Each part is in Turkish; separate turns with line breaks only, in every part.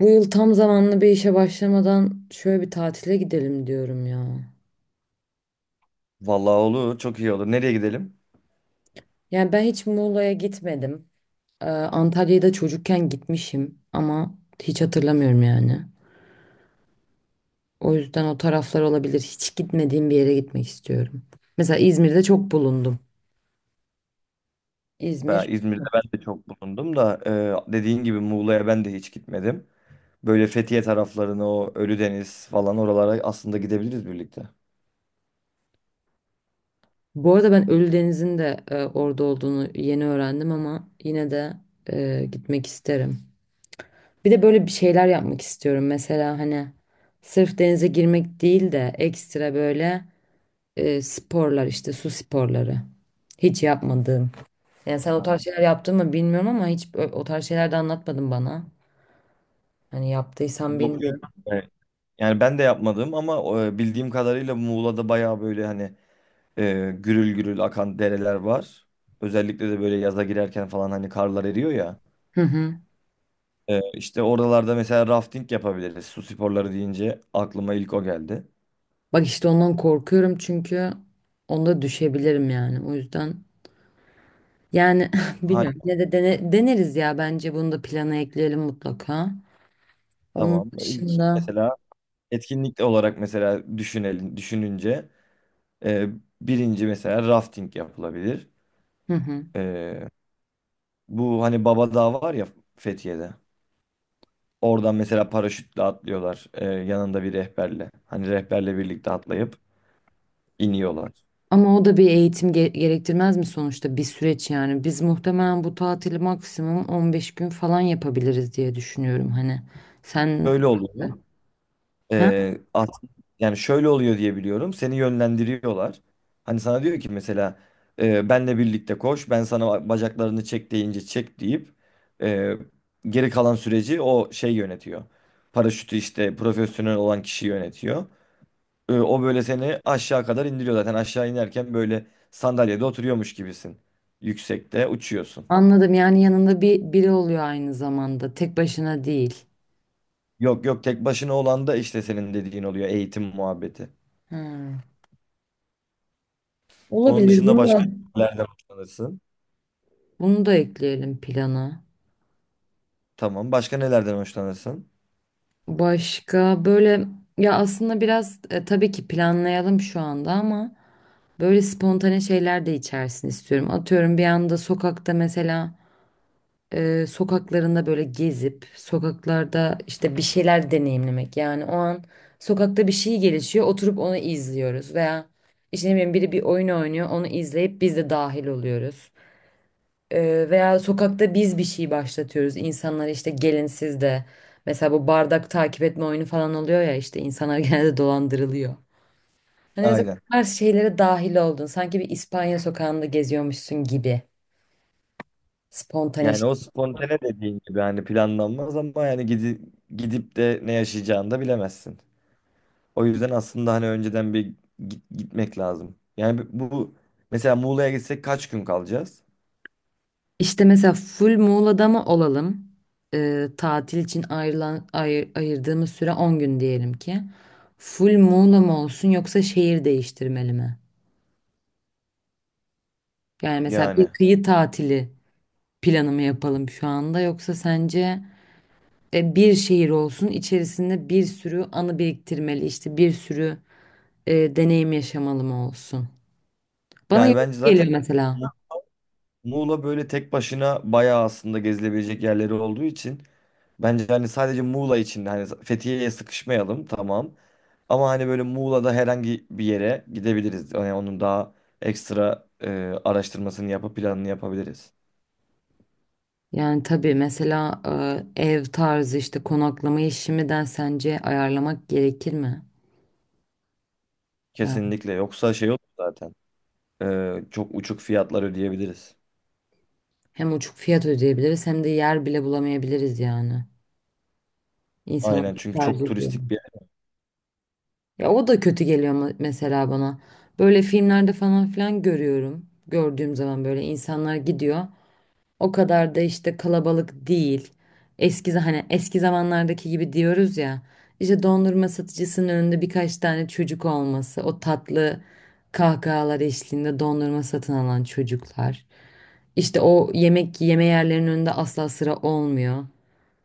Bu yıl tam zamanlı bir işe başlamadan şöyle bir tatile gidelim diyorum ya.
Vallahi olur, çok iyi olur. Nereye gidelim?
Yani ben hiç Muğla'ya gitmedim. Antalya'ya da çocukken gitmişim ama hiç hatırlamıyorum yani. O yüzden o taraflar olabilir. Hiç gitmediğim bir yere gitmek istiyorum. Mesela İzmir'de çok bulundum.
Ben
İzmir.
İzmir'de ben de çok bulundum da dediğin gibi Muğla'ya ben de hiç gitmedim. Böyle Fethiye taraflarına o Ölüdeniz falan oralara aslında gidebiliriz birlikte.
Bu arada ben Ölüdeniz'in de orada olduğunu yeni öğrendim ama yine de gitmek isterim. Bir de böyle bir şeyler yapmak istiyorum mesela hani sırf denize girmek değil de ekstra böyle sporlar işte su sporları. Hiç yapmadığım. Yani sen o tarz
Ha.
şeyler yaptın mı bilmiyorum ama hiç o tarz şeyler de anlatmadın bana. Hani yaptıysan
Yok yok.
bilmiyorum.
E, Yani ben de yapmadım ama bildiğim kadarıyla Muğla'da bayağı böyle hani gürül gürül akan dereler var. Özellikle de böyle yaza girerken falan hani karlar eriyor ya.
Hı hı.
İşte oralarda mesela rafting yapabiliriz. Su sporları deyince aklıma ilk o geldi.
Bak işte ondan korkuyorum çünkü onda düşebilirim yani. O yüzden yani
Ha,
bilmiyorum. Yine de deneriz ya bence bunu da plana ekleyelim mutlaka. Onun
tamam. İlk
dışında
mesela etkinlik olarak mesela düşününce Ee, birinci mesela rafting yapılabilir.
hı hı.
Ee, bu hani Baba Dağı var ya Fethiye'de. Oradan mesela paraşütle atlıyorlar. Yanında bir rehberle. Hani rehberle birlikte atlayıp iniyorlar.
Ama o da bir eğitim gerektirmez mi sonuçta bir süreç yani. Biz muhtemelen bu tatili maksimum 15 gün falan yapabiliriz diye düşünüyorum hani. Sen
Böyle oluyor.
ha?
Ee, as- yani şöyle oluyor diye biliyorum. Seni yönlendiriyorlar. Hani sana diyor ki mesela benle birlikte koş. Ben sana bacaklarını çek deyince çek deyip e, geri kalan süreci o şey yönetiyor. Paraşütü işte profesyonel olan kişi yönetiyor. O böyle seni aşağı kadar indiriyor zaten. Aşağı inerken böyle sandalyede oturuyormuş gibisin. Yüksekte uçuyorsun.
Anladım yani yanında bir biri oluyor aynı zamanda tek başına değil.
Yok yok, tek başına olan da işte senin dediğin oluyor, eğitim muhabbeti.
Hmm.
Onun
Olabilir
dışında
bunu
başka
da
nelerden hoşlanırsın?
bunu da ekleyelim plana.
Tamam. Başka nelerden hoşlanırsın?
Başka böyle ya aslında biraz tabii ki planlayalım şu anda ama böyle spontane şeyler de içersin istiyorum. Atıyorum bir anda sokakta mesela sokaklarında böyle gezip sokaklarda işte bir şeyler deneyimlemek. Yani o an sokakta bir şey gelişiyor, oturup onu izliyoruz veya işte ne bileyim biri bir oyun oynuyor, onu izleyip biz de dahil oluyoruz. Veya sokakta biz bir şey başlatıyoruz. İnsanlar işte gelin siz de mesela bu bardak takip etme oyunu falan oluyor ya işte insanlar genelde dolandırılıyor. Hani mesela bu
Aynen.
tarz şeylere dahil oldun. Sanki bir İspanya sokağında geziyormuşsun gibi. Spontane.
Yani o spontane dediğin gibi hani planlanmaz ama yani gidip de ne yaşayacağını da bilemezsin. O yüzden aslında hani önceden bir gitmek lazım. Yani bu mesela Muğla'ya gitsek kaç gün kalacağız?
İşte mesela full Muğla'da mı olalım? Tatil için ayrılan ayırdığımız süre 10 gün diyelim ki. Full Muğla mı olsun yoksa şehir değiştirmeli mi? Yani mesela bir
Yani.
kıyı tatili planı mı yapalım şu anda yoksa sence bir şehir olsun içerisinde bir sürü anı biriktirmeli işte bir sürü deneyim yaşamalı mı olsun? Bana
Yani bence
yorucu geliyor
zaten
mesela.
Mu- Muğla böyle tek başına bayağı aslında gezilebilecek yerleri olduğu için bence hani sadece Muğla için hani Fethiye'ye sıkışmayalım, tamam. Ama hani böyle Muğla'da herhangi bir yere gidebiliriz. Yani onun daha ekstra araştırmasını yapıp planını yapabiliriz.
Yani tabii mesela ev tarzı işte konaklama işimden sence ayarlamak gerekir mi? Yani
Kesinlikle. Yoksa şey olur zaten. Çok uçuk fiyatlar ödeyebiliriz.
hem uçuk fiyat ödeyebiliriz hem de yer bile bulamayabiliriz yani. İnsanlar
Aynen,
çok
çünkü çok
tercih ediyor.
turistik bir yer.
Ya o da kötü geliyor mesela bana. Böyle filmlerde falan filan görüyorum. Gördüğüm zaman böyle insanlar gidiyor. O kadar da işte kalabalık değil. Hani eski zamanlardaki gibi diyoruz ya. İşte dondurma satıcısının önünde birkaç tane çocuk olması, o tatlı kahkahalar eşliğinde dondurma satın alan çocuklar. İşte o yemek yeme yerlerinin önünde asla sıra olmuyor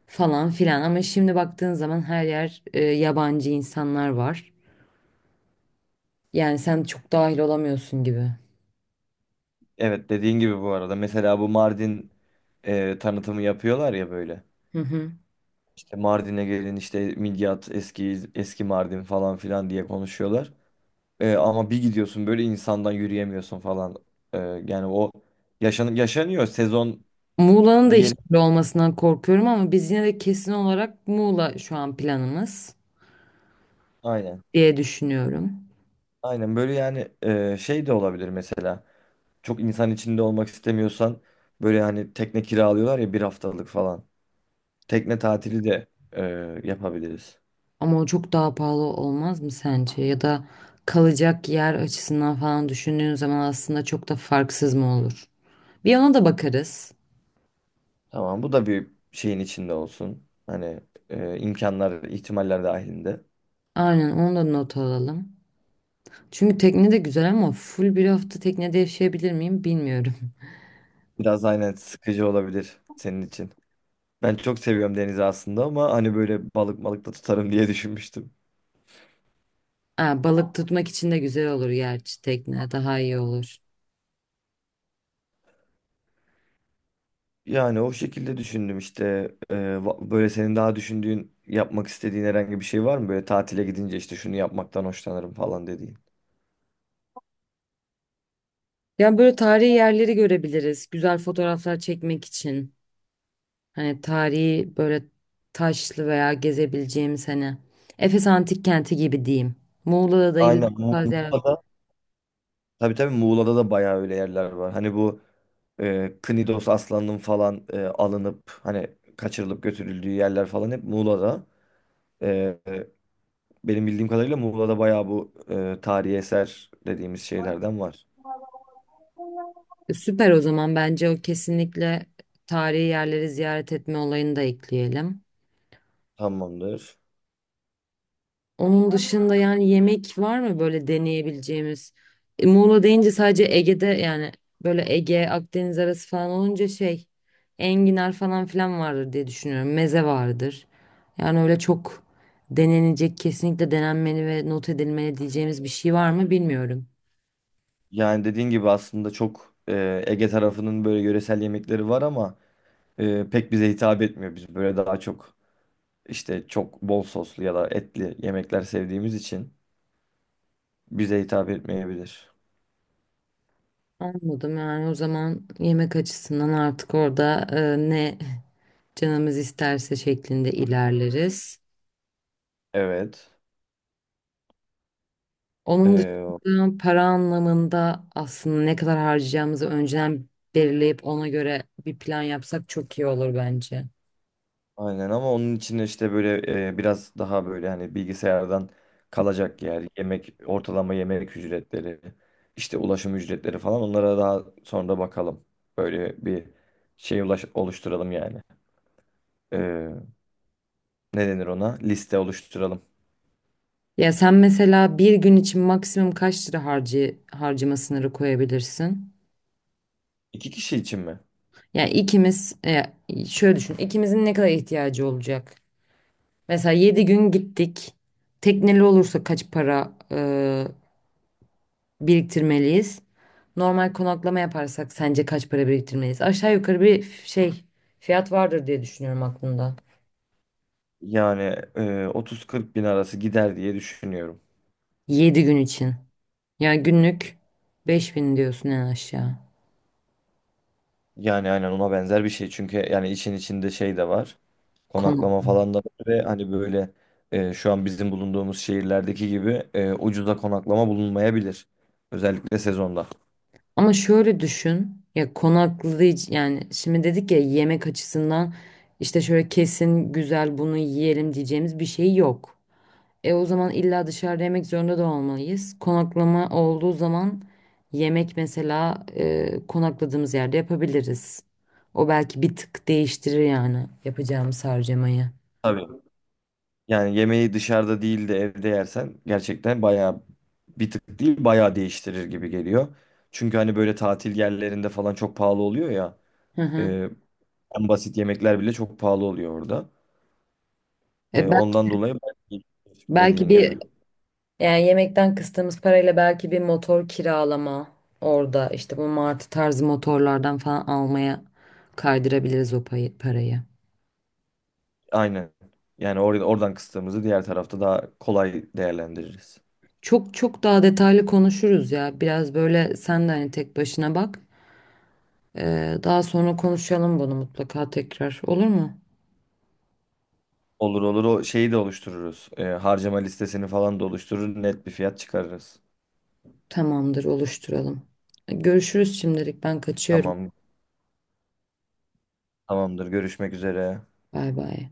falan filan. Ama şimdi baktığın zaman her yer yabancı insanlar var. Yani sen çok dahil olamıyorsun gibi.
Evet, dediğin gibi bu arada. Mesela bu Mardin tanıtımı yapıyorlar ya böyle.
Hı hı.
İşte Mardin'e gelin, işte Midyat, eski eski Mardin falan filan diye konuşuyorlar. Ama bir gidiyorsun böyle, insandan yürüyemiyorsun falan. Ee, yani o yaşanıyor sezon
Muğla'nın da
bir yeri.
işleri olmasından korkuyorum ama biz yine de kesin olarak Muğla şu an planımız
Aynen.
diye düşünüyorum.
Aynen böyle yani, şey de olabilir mesela. Çok insan içinde olmak istemiyorsan böyle hani tekne kiralıyorlar ya, bir haftalık falan. Tekne tatili de e, yapabiliriz.
Ama o çok daha pahalı olmaz mı sence? Ya da kalacak yer açısından falan düşündüğün zaman aslında çok da farksız mı olur? Bir yana da bakarız.
Tamam, bu da bir şeyin içinde olsun. Hani imkanlar ihtimaller dahilinde.
Aynen onu da not alalım. Çünkü tekne de güzel ama full bir hafta teknede yaşayabilir miyim bilmiyorum.
Biraz aynen sıkıcı olabilir senin için. Ben çok seviyorum denizi aslında ama hani böyle balık malık da tutarım diye düşünmüştüm.
Ha, balık tutmak için de güzel olur gerçi tekne daha iyi olur.
Yani o şekilde düşündüm işte. Böyle senin daha düşündüğün, yapmak istediğin herhangi bir şey var mı? Böyle tatile gidince işte şunu yapmaktan hoşlanırım falan dediğin.
Ya böyle tarihi yerleri görebiliriz. Güzel fotoğraflar çekmek için. Hani tarihi böyle taşlı veya gezebileceğimiz hani Efes Antik Kenti gibi diyeyim. Muğla'da da illa
Aynen.
var.
Muğla'da, tabii tabii Muğla'da da bayağı öyle yerler var. Hani bu Knidos aslanının falan alınıp hani kaçırılıp götürüldüğü yerler falan hep Muğla'da. Benim bildiğim kadarıyla Muğla'da bayağı bu tarihi eser dediğimiz şeylerden var.
Süper, o zaman bence o kesinlikle tarihi yerleri ziyaret etme olayını da ekleyelim.
Tamamdır.
Onun dışında yani yemek var mı böyle deneyebileceğimiz? Muğla deyince sadece Ege'de yani böyle Ege, Akdeniz arası falan olunca şey enginar falan filan vardır diye düşünüyorum. Meze vardır. Yani öyle çok denenecek, kesinlikle denenmeli ve not edilmeli diyeceğimiz bir şey var mı bilmiyorum.
Yani dediğin gibi aslında çok Ege tarafının böyle yöresel yemekleri var ama pek bize hitap etmiyor. Biz böyle daha çok işte çok bol soslu ya da etli yemekler sevdiğimiz için bize hitap etmeyebilir.
Anladım, yani o zaman yemek açısından artık orada ne canımız isterse şeklinde ilerleriz.
Evet.
Onun
E,
dışında para anlamında aslında ne kadar harcayacağımızı önceden belirleyip ona göre bir plan yapsak çok iyi olur bence.
Aynen, ama onun için işte böyle biraz daha böyle hani bilgisayardan kalacak yer, yemek, ortalama yemek ücretleri, işte ulaşım ücretleri falan, onlara daha sonra bakalım. Böyle bir şey oluşturalım yani. E, ne denir ona? Liste oluşturalım.
Ya sen mesela bir gün için maksimum kaç lira harcı, harcama sınırı koyabilirsin?
İki kişi için mi?
Yani ikimiz şöyle düşün ikimizin ne kadar ihtiyacı olacak? Mesela 7 gün gittik. Tekneli olursa kaç para biriktirmeliyiz? Normal konaklama yaparsak sence kaç para biriktirmeliyiz? Aşağı yukarı bir şey fiyat vardır diye düşünüyorum aklımda.
Yani 30-40 bin arası gider diye düşünüyorum.
7 gün için. Yani günlük 5 bin diyorsun en aşağı.
Yani aynen ona benzer bir şey. Çünkü yani için içinde şey de var.
Konak.
Konaklama falan da var ve hani böyle şu an bizim bulunduğumuz şehirlerdeki gibi ucuza konaklama bulunmayabilir. Özellikle sezonda.
Ama şöyle düşün. Ya konaklayıcı yani şimdi dedik ya yemek açısından işte şöyle kesin güzel bunu yiyelim diyeceğimiz bir şey yok. E o zaman illa dışarıda yemek zorunda da olmalıyız. Konaklama olduğu zaman yemek mesela konakladığımız yerde yapabiliriz. O belki bir tık değiştirir yani yapacağımız harcamayı.
Tabii. Yani yemeği dışarıda değil de evde yersen gerçekten bayağı bir tık değil, bayağı değiştirir gibi geliyor. Çünkü hani böyle tatil yerlerinde falan çok pahalı oluyor ya.
Hı
E,
hı.
en basit yemekler bile çok pahalı oluyor orada.
E, bel-
Ondan dolayı ben-
Belki
dediğin gibi.
bir yani yemekten kıstığımız parayla belki bir motor kiralama orada işte bu martı tarzı motorlardan falan almaya kaydırabiliriz o parayı.
Aynen. Yani oradan kıstığımızı diğer tarafta daha kolay değerlendiririz.
Çok çok daha detaylı konuşuruz ya. Biraz böyle sen de hani tek başına bak. Daha sonra konuşalım bunu mutlaka tekrar. Olur mu?
Olur olur, o şeyi de oluştururuz. Harcama listesini falan da oluşturur. Net bir fiyat çıkarırız.
Tamamdır, oluşturalım. Görüşürüz şimdilik. Ben kaçıyorum.
Tamam, tamamdır. Görüşmek üzere.
Bay bay.